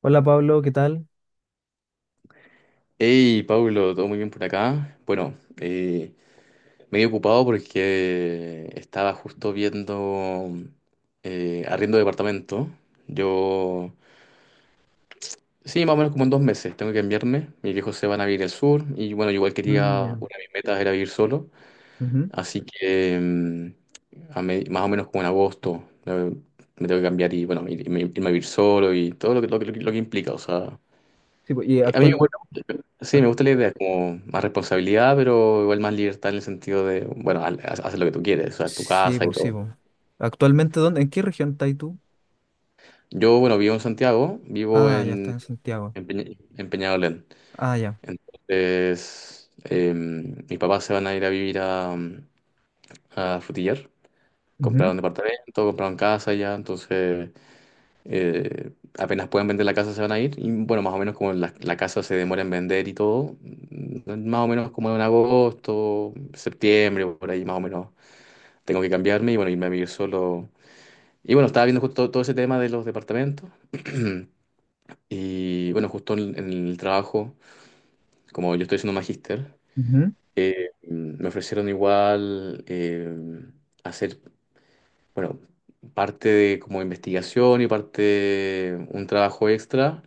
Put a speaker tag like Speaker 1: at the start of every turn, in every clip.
Speaker 1: Hola Pablo, ¿qué tal?
Speaker 2: Hey, Pablo, ¿todo muy bien por acá? Bueno, medio ocupado porque estaba justo viendo arriendo de departamento. Yo, sí, más o menos como en dos meses tengo que enviarme. Mis viejos se van a vivir al sur y bueno, yo igual
Speaker 1: Ah,
Speaker 2: quería,
Speaker 1: ya.
Speaker 2: una de mis metas era vivir solo.
Speaker 1: Ujú.
Speaker 2: Así que más o menos como en agosto me tengo que cambiar y bueno, irme, irme a vivir solo y todo lo que, lo que implica. O sea,
Speaker 1: Sí, po, y
Speaker 2: a mí
Speaker 1: actual...
Speaker 2: me sí,
Speaker 1: ac-
Speaker 2: me gusta la idea, como más responsabilidad, pero igual más libertad en el sentido de, bueno, haces lo que tú quieres, o sea, tu
Speaker 1: sí,
Speaker 2: casa y
Speaker 1: po, sí,
Speaker 2: todo.
Speaker 1: po. Actualmente, ¿dónde? ¿En qué región estás tú?
Speaker 2: Yo, bueno, vivo en Santiago, vivo
Speaker 1: Ah, ya está
Speaker 2: en,
Speaker 1: en Santiago.
Speaker 2: en, en Peñalolén.
Speaker 1: Ah, ya.
Speaker 2: Entonces, mis papás se van a ir a vivir a Frutillar.
Speaker 1: Ujú,
Speaker 2: Compraron departamento, compraron casa ya, entonces apenas pueden vender la casa se van a ir. Y bueno, más o menos como la casa se demora en vender y todo, más o menos como en agosto, septiembre, por ahí más o menos tengo que cambiarme y bueno, irme a vivir solo. Y bueno, estaba viendo justo todo ese tema de los departamentos. Y bueno, justo en el trabajo, como yo estoy haciendo magíster,
Speaker 1: ujú.
Speaker 2: me ofrecieron igual hacer, bueno, parte de como investigación y parte un trabajo extra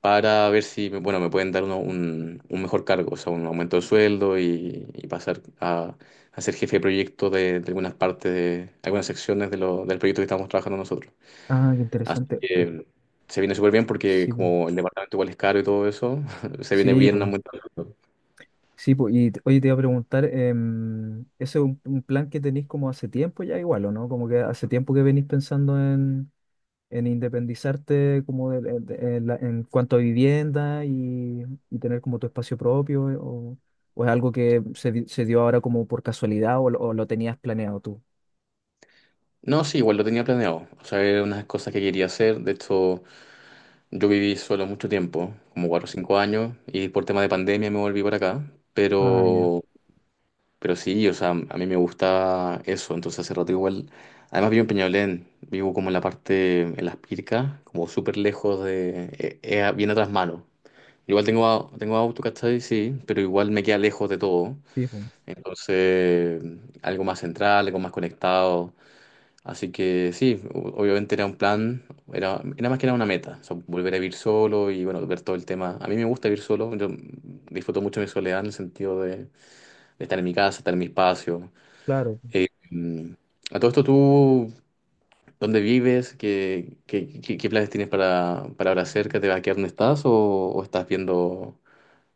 Speaker 2: para ver si, bueno, me pueden dar un mejor cargo, o sea, un aumento de sueldo y pasar a ser jefe de proyecto de algunas partes, de algunas secciones de del proyecto que estamos trabajando nosotros.
Speaker 1: Ah, qué interesante.
Speaker 2: Eh, se viene súper bien porque
Speaker 1: Sí, po.
Speaker 2: como el departamento igual es caro y todo eso, se viene
Speaker 1: Sí,
Speaker 2: bien
Speaker 1: po.
Speaker 2: una multa.
Speaker 1: Sí, po. Oye, te iba a preguntar, ¿ese es un plan que tenéis como hace tiempo ya igual, o no? Como que hace tiempo que venís pensando en independizarte como en cuanto a vivienda y tener como tu espacio propio o es algo que se dio ahora como por casualidad o, lo tenías planeado tú?
Speaker 2: No, sí, igual lo tenía planeado. O sea, eran unas cosas que quería hacer. De hecho, yo viví solo mucho tiempo, como cuatro o cinco años, y por tema de pandemia me volví para acá.
Speaker 1: Ah, ya.
Speaker 2: Pero sí, o sea, a mí me gusta eso. Entonces hace rato igual, además vivo en Peñalolén, vivo como en la parte, en las Pircas, como súper lejos de, bien atrás mano. Igual tengo, tengo auto, ¿cachai? Sí, pero igual me queda lejos de todo.
Speaker 1: Sí, pues,
Speaker 2: Entonces, algo más central, algo más conectado. Así que sí, obviamente era un plan, era más que era una meta, o sea, volver a vivir solo y bueno, ver todo el tema. A mí me gusta vivir solo, yo disfruto mucho mi soledad en el sentido de estar en mi casa, estar en mi espacio.
Speaker 1: claro.
Speaker 2: Eh, mm, a todo esto, ¿tú dónde vives? ¿Qué, qué planes tienes para ahora cerca? ¿Te vas a quedar donde estás o estás viendo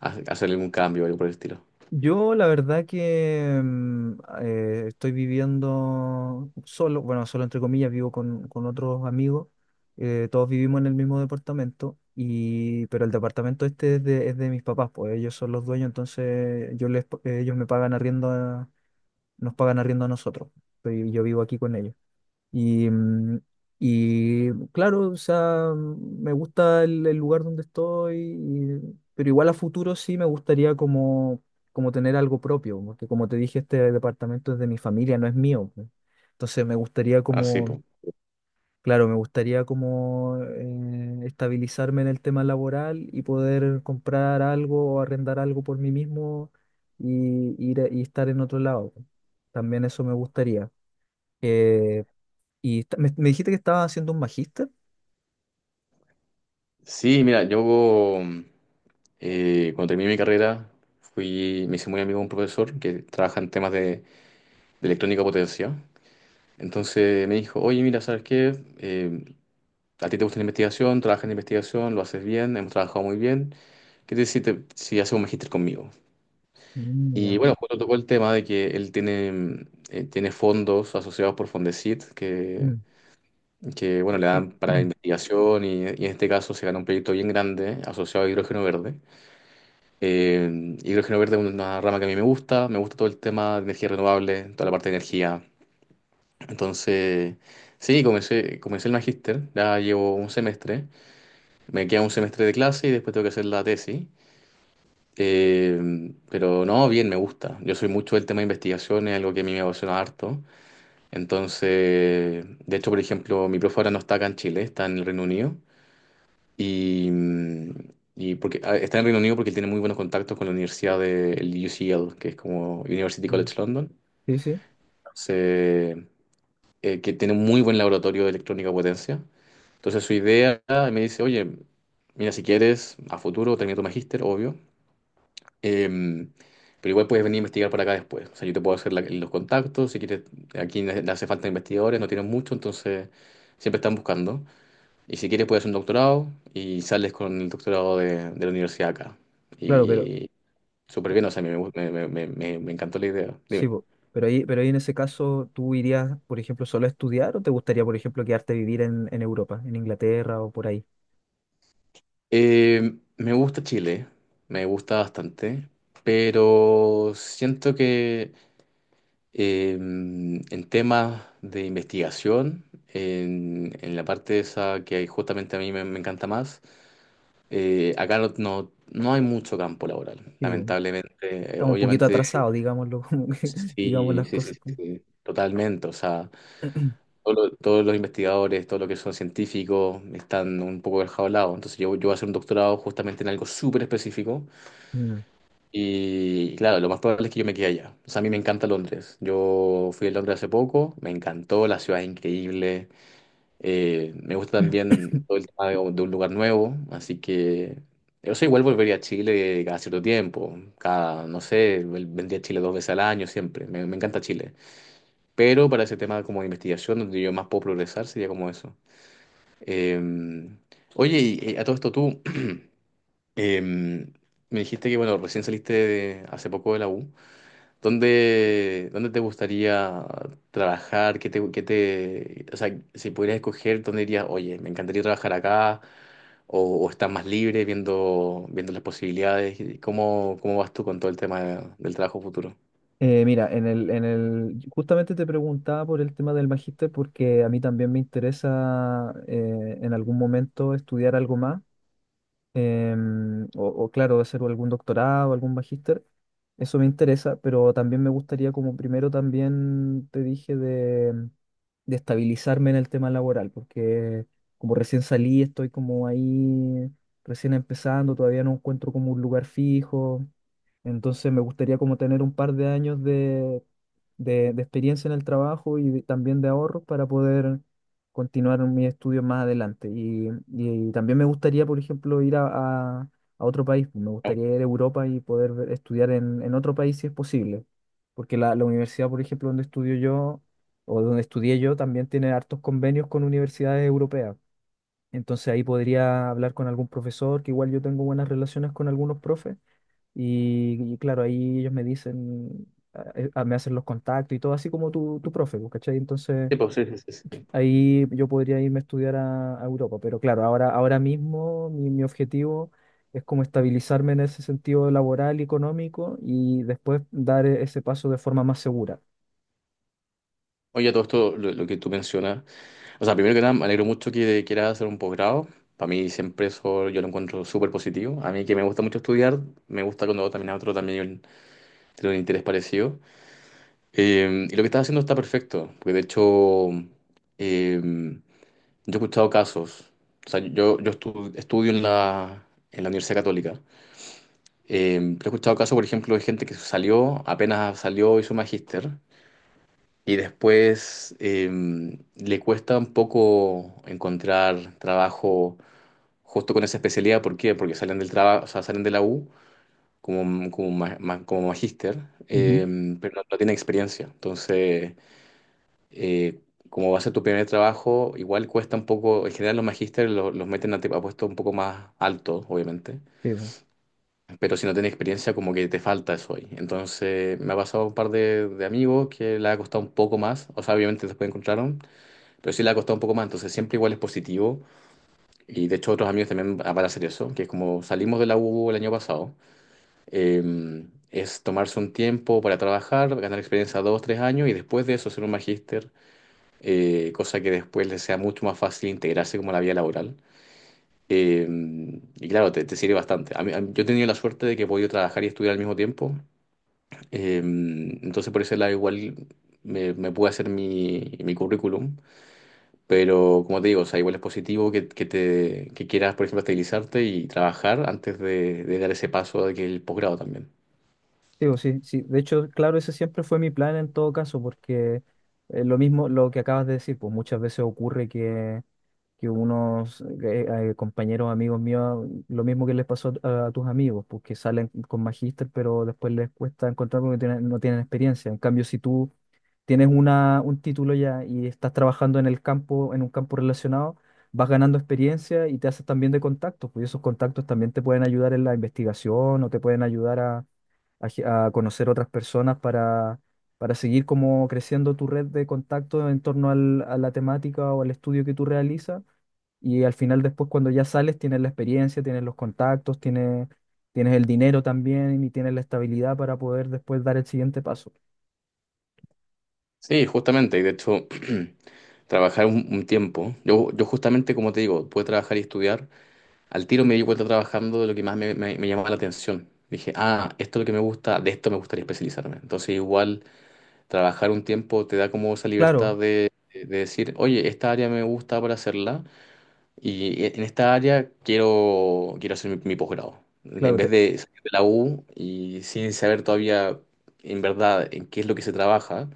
Speaker 2: hacer algún cambio o algo por el estilo?
Speaker 1: Yo la verdad que estoy viviendo solo, bueno, solo entre comillas, vivo con otros amigos, todos vivimos en el mismo departamento, y, pero el departamento este es es de mis papás, pues ellos son los dueños, entonces ellos me pagan arriendo, nos pagan arriendo a nosotros, y yo vivo aquí con ellos. Y, mm, y claro, o sea, me gusta el lugar donde estoy, pero igual a futuro sí me gustaría como, como tener algo propio, porque como te dije, este departamento es de mi familia, no es mío, pues. Entonces me gustaría
Speaker 2: Así,
Speaker 1: como, claro, me gustaría como estabilizarme en el tema laboral y poder comprar algo o arrendar algo por mí mismo y, y estar en otro lado, pues. También eso me gustaría. Eh, me, me dijiste que estaba haciendo un magíster.
Speaker 2: sí, mira, yo mm, cuando terminé mi carrera fui, me hice muy amigo de un profesor que trabaja en temas de electrónica potencia. Entonces me dijo, oye, mira, ¿sabes qué? Eh, a ti te gusta la investigación, trabajas en investigación, lo haces bien, hemos trabajado muy bien. ¿Qué te si haces un magíster conmigo?
Speaker 1: Mm,
Speaker 2: Y
Speaker 1: ya.
Speaker 2: bueno, justo tocó el tema de que él tiene, tiene fondos asociados por Fondesit
Speaker 1: Mm.
Speaker 2: que bueno, le dan para investigación y en este caso se ganó un proyecto bien grande asociado a hidrógeno verde. Y hidrógeno verde es una rama que a mí me gusta todo el tema de energía renovable, toda la parte de energía. Entonces, sí, comencé, comencé el magíster, ya llevo un semestre, me queda un semestre de clase y después tengo que hacer la tesis. Pero no, bien, me gusta. Yo soy mucho del tema de investigación, es algo que a mí me apasiona harto. Entonces, de hecho, por ejemplo, mi profe ahora no está acá en Chile, está en el Reino Unido. Y, y porque ah, está en Reino Unido porque él tiene muy buenos contactos con la Universidad de el UCL, que es como University
Speaker 1: Mm.
Speaker 2: College London.
Speaker 1: Sí, sí.
Speaker 2: Entonces, que tiene un muy buen laboratorio de electrónica potencia. Entonces su idea él me dice, oye, mira, si quieres, a futuro termina tu magíster, obvio, em, pero igual puedes venir a investigar para acá después. O sea, yo te puedo hacer los contactos, si quieres, aquí le le hace falta investigadores, no tienen mucho, entonces siempre están buscando. Y si quieres puedes hacer un doctorado y sales con el doctorado de la universidad acá.
Speaker 1: Claro, pero
Speaker 2: Y súper bien, o sea, me encantó la idea.
Speaker 1: sí,
Speaker 2: Dime.
Speaker 1: po. Pero ahí en ese caso, ¿tú irías, por ejemplo, solo a estudiar o te gustaría, por ejemplo, quedarte a vivir en Europa, en Inglaterra o por ahí?
Speaker 2: Me gusta Chile, me gusta bastante, pero siento que en temas de investigación, en la parte esa que justamente a mí me encanta más, acá no, no hay mucho campo laboral,
Speaker 1: Sí, po.
Speaker 2: lamentablemente.
Speaker 1: Estamos un poquito
Speaker 2: Obviamente
Speaker 1: atrasados, digámoslo, digamos
Speaker 2: sí,
Speaker 1: las cosas.
Speaker 2: totalmente. O sea, todos los investigadores, todos los que son científicos, están un poco enjaulados. Entonces yo voy a hacer un doctorado justamente en algo súper específico.
Speaker 1: Mm.
Speaker 2: Y claro, lo más probable es que yo me quede allá. O sea, a mí me encanta Londres. Yo fui a Londres hace poco, me encantó, la ciudad es increíble. Me gusta también todo el tema de un lugar nuevo. Así que, o sea, igual volvería a Chile cada cierto tiempo. Cada, no sé, vendría a Chile dos veces al año siempre. Me encanta Chile. Pero para ese tema como de investigación, donde yo más puedo progresar, sería como eso. Eh, oye, y, a todo esto tú, me dijiste que, bueno, recién hace poco de la U. ¿Dónde, dónde te gustaría trabajar? Qué te, o sea, si pudieras escoger, ¿dónde dirías, oye, me encantaría trabajar acá? O estás más libre viendo, viendo las posibilidades? ¿Y cómo, cómo vas tú con todo el tema del trabajo futuro?
Speaker 1: Mira, justamente te preguntaba por el tema del magíster porque a mí también me interesa en algún momento estudiar algo más o claro, hacer algún doctorado, algún magíster, eso me interesa, pero también me gustaría, como primero también te dije, de estabilizarme en el tema laboral, porque como recién salí, estoy como ahí, recién empezando, todavía no encuentro como un lugar fijo, entonces me gustaría como tener un par de años de experiencia en el trabajo y también de ahorros para poder continuar mis estudios más adelante. Y también me gustaría, por ejemplo, a- a otro país. Me gustaría ir a Europa y poder estudiar en otro país si es posible. Porque la universidad, por ejemplo, donde estudio yo, o donde estudié yo, también tiene hartos convenios con universidades europeas. Entonces ahí podría hablar con algún profesor, que igual yo tengo buenas relaciones con algunos profes. Y claro, ahí ellos me dicen, a- me hacen los contactos y todo, así como tu profe, pues, ¿cachai? Entonces...
Speaker 2: Sí, pues, sí, sí.
Speaker 1: Ahí yo podría irme a estudiar a Europa, pero claro, ahora, ahora mismo mi objetivo es como estabilizarme en ese sentido laboral y económico y después ese paso de forma más segura.
Speaker 2: Oye, a todo esto, lo que tú mencionas, o sea, primero que nada, me alegro mucho que quieras hacer un posgrado. Para mí siempre eso yo lo encuentro súper positivo. A mí que me gusta mucho estudiar, me gusta cuando también a otro también tiene un interés parecido. Y lo que estás haciendo está perfecto, porque de hecho yo he escuchado casos, o sea, yo, estudio en la Universidad Católica. Pero he escuchado casos, por ejemplo, de gente que salió, apenas salió, hizo magíster, y después le cuesta un poco encontrar trabajo justo con esa especialidad, ¿por qué? Porque salen del trabajo, o sea, salen de la U como, como, como magíster,
Speaker 1: Ujú.
Speaker 2: eh, pero no, no tienen experiencia. Entonces, eh, como va a ser tu primer trabajo, igual cuesta un poco, en general los magísteres meten a, a puestos un poco más altos, obviamente,
Speaker 1: Sí,
Speaker 2: pero si no tienes experiencia, como que te falta eso ahí. Entonces, me ha pasado un par de amigos que le ha costado un poco más, o sea, obviamente después encontraron, pero sí le ha costado un poco más, entonces siempre igual es positivo. Y de hecho otros amigos también van a hacer eso, que es como salimos de la U el año pasado, eh, es tomarse un tiempo para trabajar, ganar experiencia dos, tres años y después de eso hacer un magíster, cosa que después les sea mucho más fácil integrarse como a la vida laboral. Eh, y claro, te sirve bastante. Yo he tenido la suerte de que he podido trabajar y estudiar al mismo tiempo, entonces por eso igual me, me pude hacer mi, mi currículum, pero como te digo, o sea, igual es positivo que te, que quieras, por ejemplo, estabilizarte y trabajar antes de dar ese paso de que el posgrado también.
Speaker 1: digo, sí, sí. De hecho, claro, ese siempre fue mi plan en todo caso, porque lo mismo, lo que acabas de decir, pues muchas veces ocurre que unos compañeros, amigos míos, lo mismo que les pasó a tus amigos, pues que salen con magíster, pero después les cuesta encontrar porque no tienen experiencia. En cambio, si tú tienes un título ya y estás trabajando en el campo, en un campo relacionado, vas ganando experiencia y te haces también de contactos, pues, y esos contactos también te pueden ayudar en la investigación o te pueden ayudar a conocer otras personas para seguir como creciendo tu red de contacto en torno a la temática o al estudio que tú realizas. Y al final después cuando ya sales tienes la experiencia, tienes los contactos, tienes, tienes el dinero también y tienes la estabilidad para poder después dar el siguiente paso.
Speaker 2: Sí, justamente, y de hecho, trabajar un tiempo. Yo justamente, como te digo, pude trabajar y estudiar. Al tiro me di cuenta trabajando de lo que más me llamaba la atención. Dije, ah, esto es lo que me gusta, de esto me gustaría especializarme. Entonces, igual, trabajar un tiempo te da como esa libertad
Speaker 1: Claro,
Speaker 2: de decir, oye, esta área me gusta para hacerla. Y en esta área quiero, quiero hacer mi, mi posgrado. En
Speaker 1: claro,
Speaker 2: vez
Speaker 1: te,
Speaker 2: de salir de la U y sin saber todavía en verdad en qué es lo que se trabaja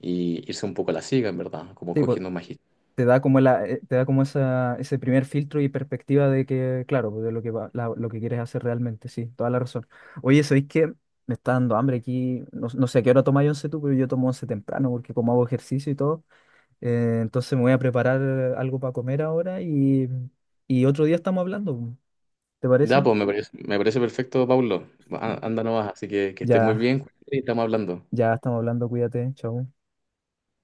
Speaker 2: y irse un poco a la siga, en verdad, como
Speaker 1: sí, pues,
Speaker 2: cogiendo un magíster.
Speaker 1: te da como te da como esa, ese primer filtro y perspectiva de que, claro, pues, de lo lo que quieres hacer realmente, sí, toda la razón. Oye, ¿sabéis qué? Me está dando hambre aquí, no, no sé a qué hora tomáis once tú, pero yo tomo once temprano porque como hago ejercicio y todo, entonces me voy a preparar algo para comer ahora y otro día estamos hablando, ¿te
Speaker 2: Ya,
Speaker 1: parece?
Speaker 2: pues me parece perfecto, Pablo. A- anda nomás, así que estés muy
Speaker 1: Ya,
Speaker 2: bien y estamos hablando.
Speaker 1: ya estamos hablando, cuídate, chao.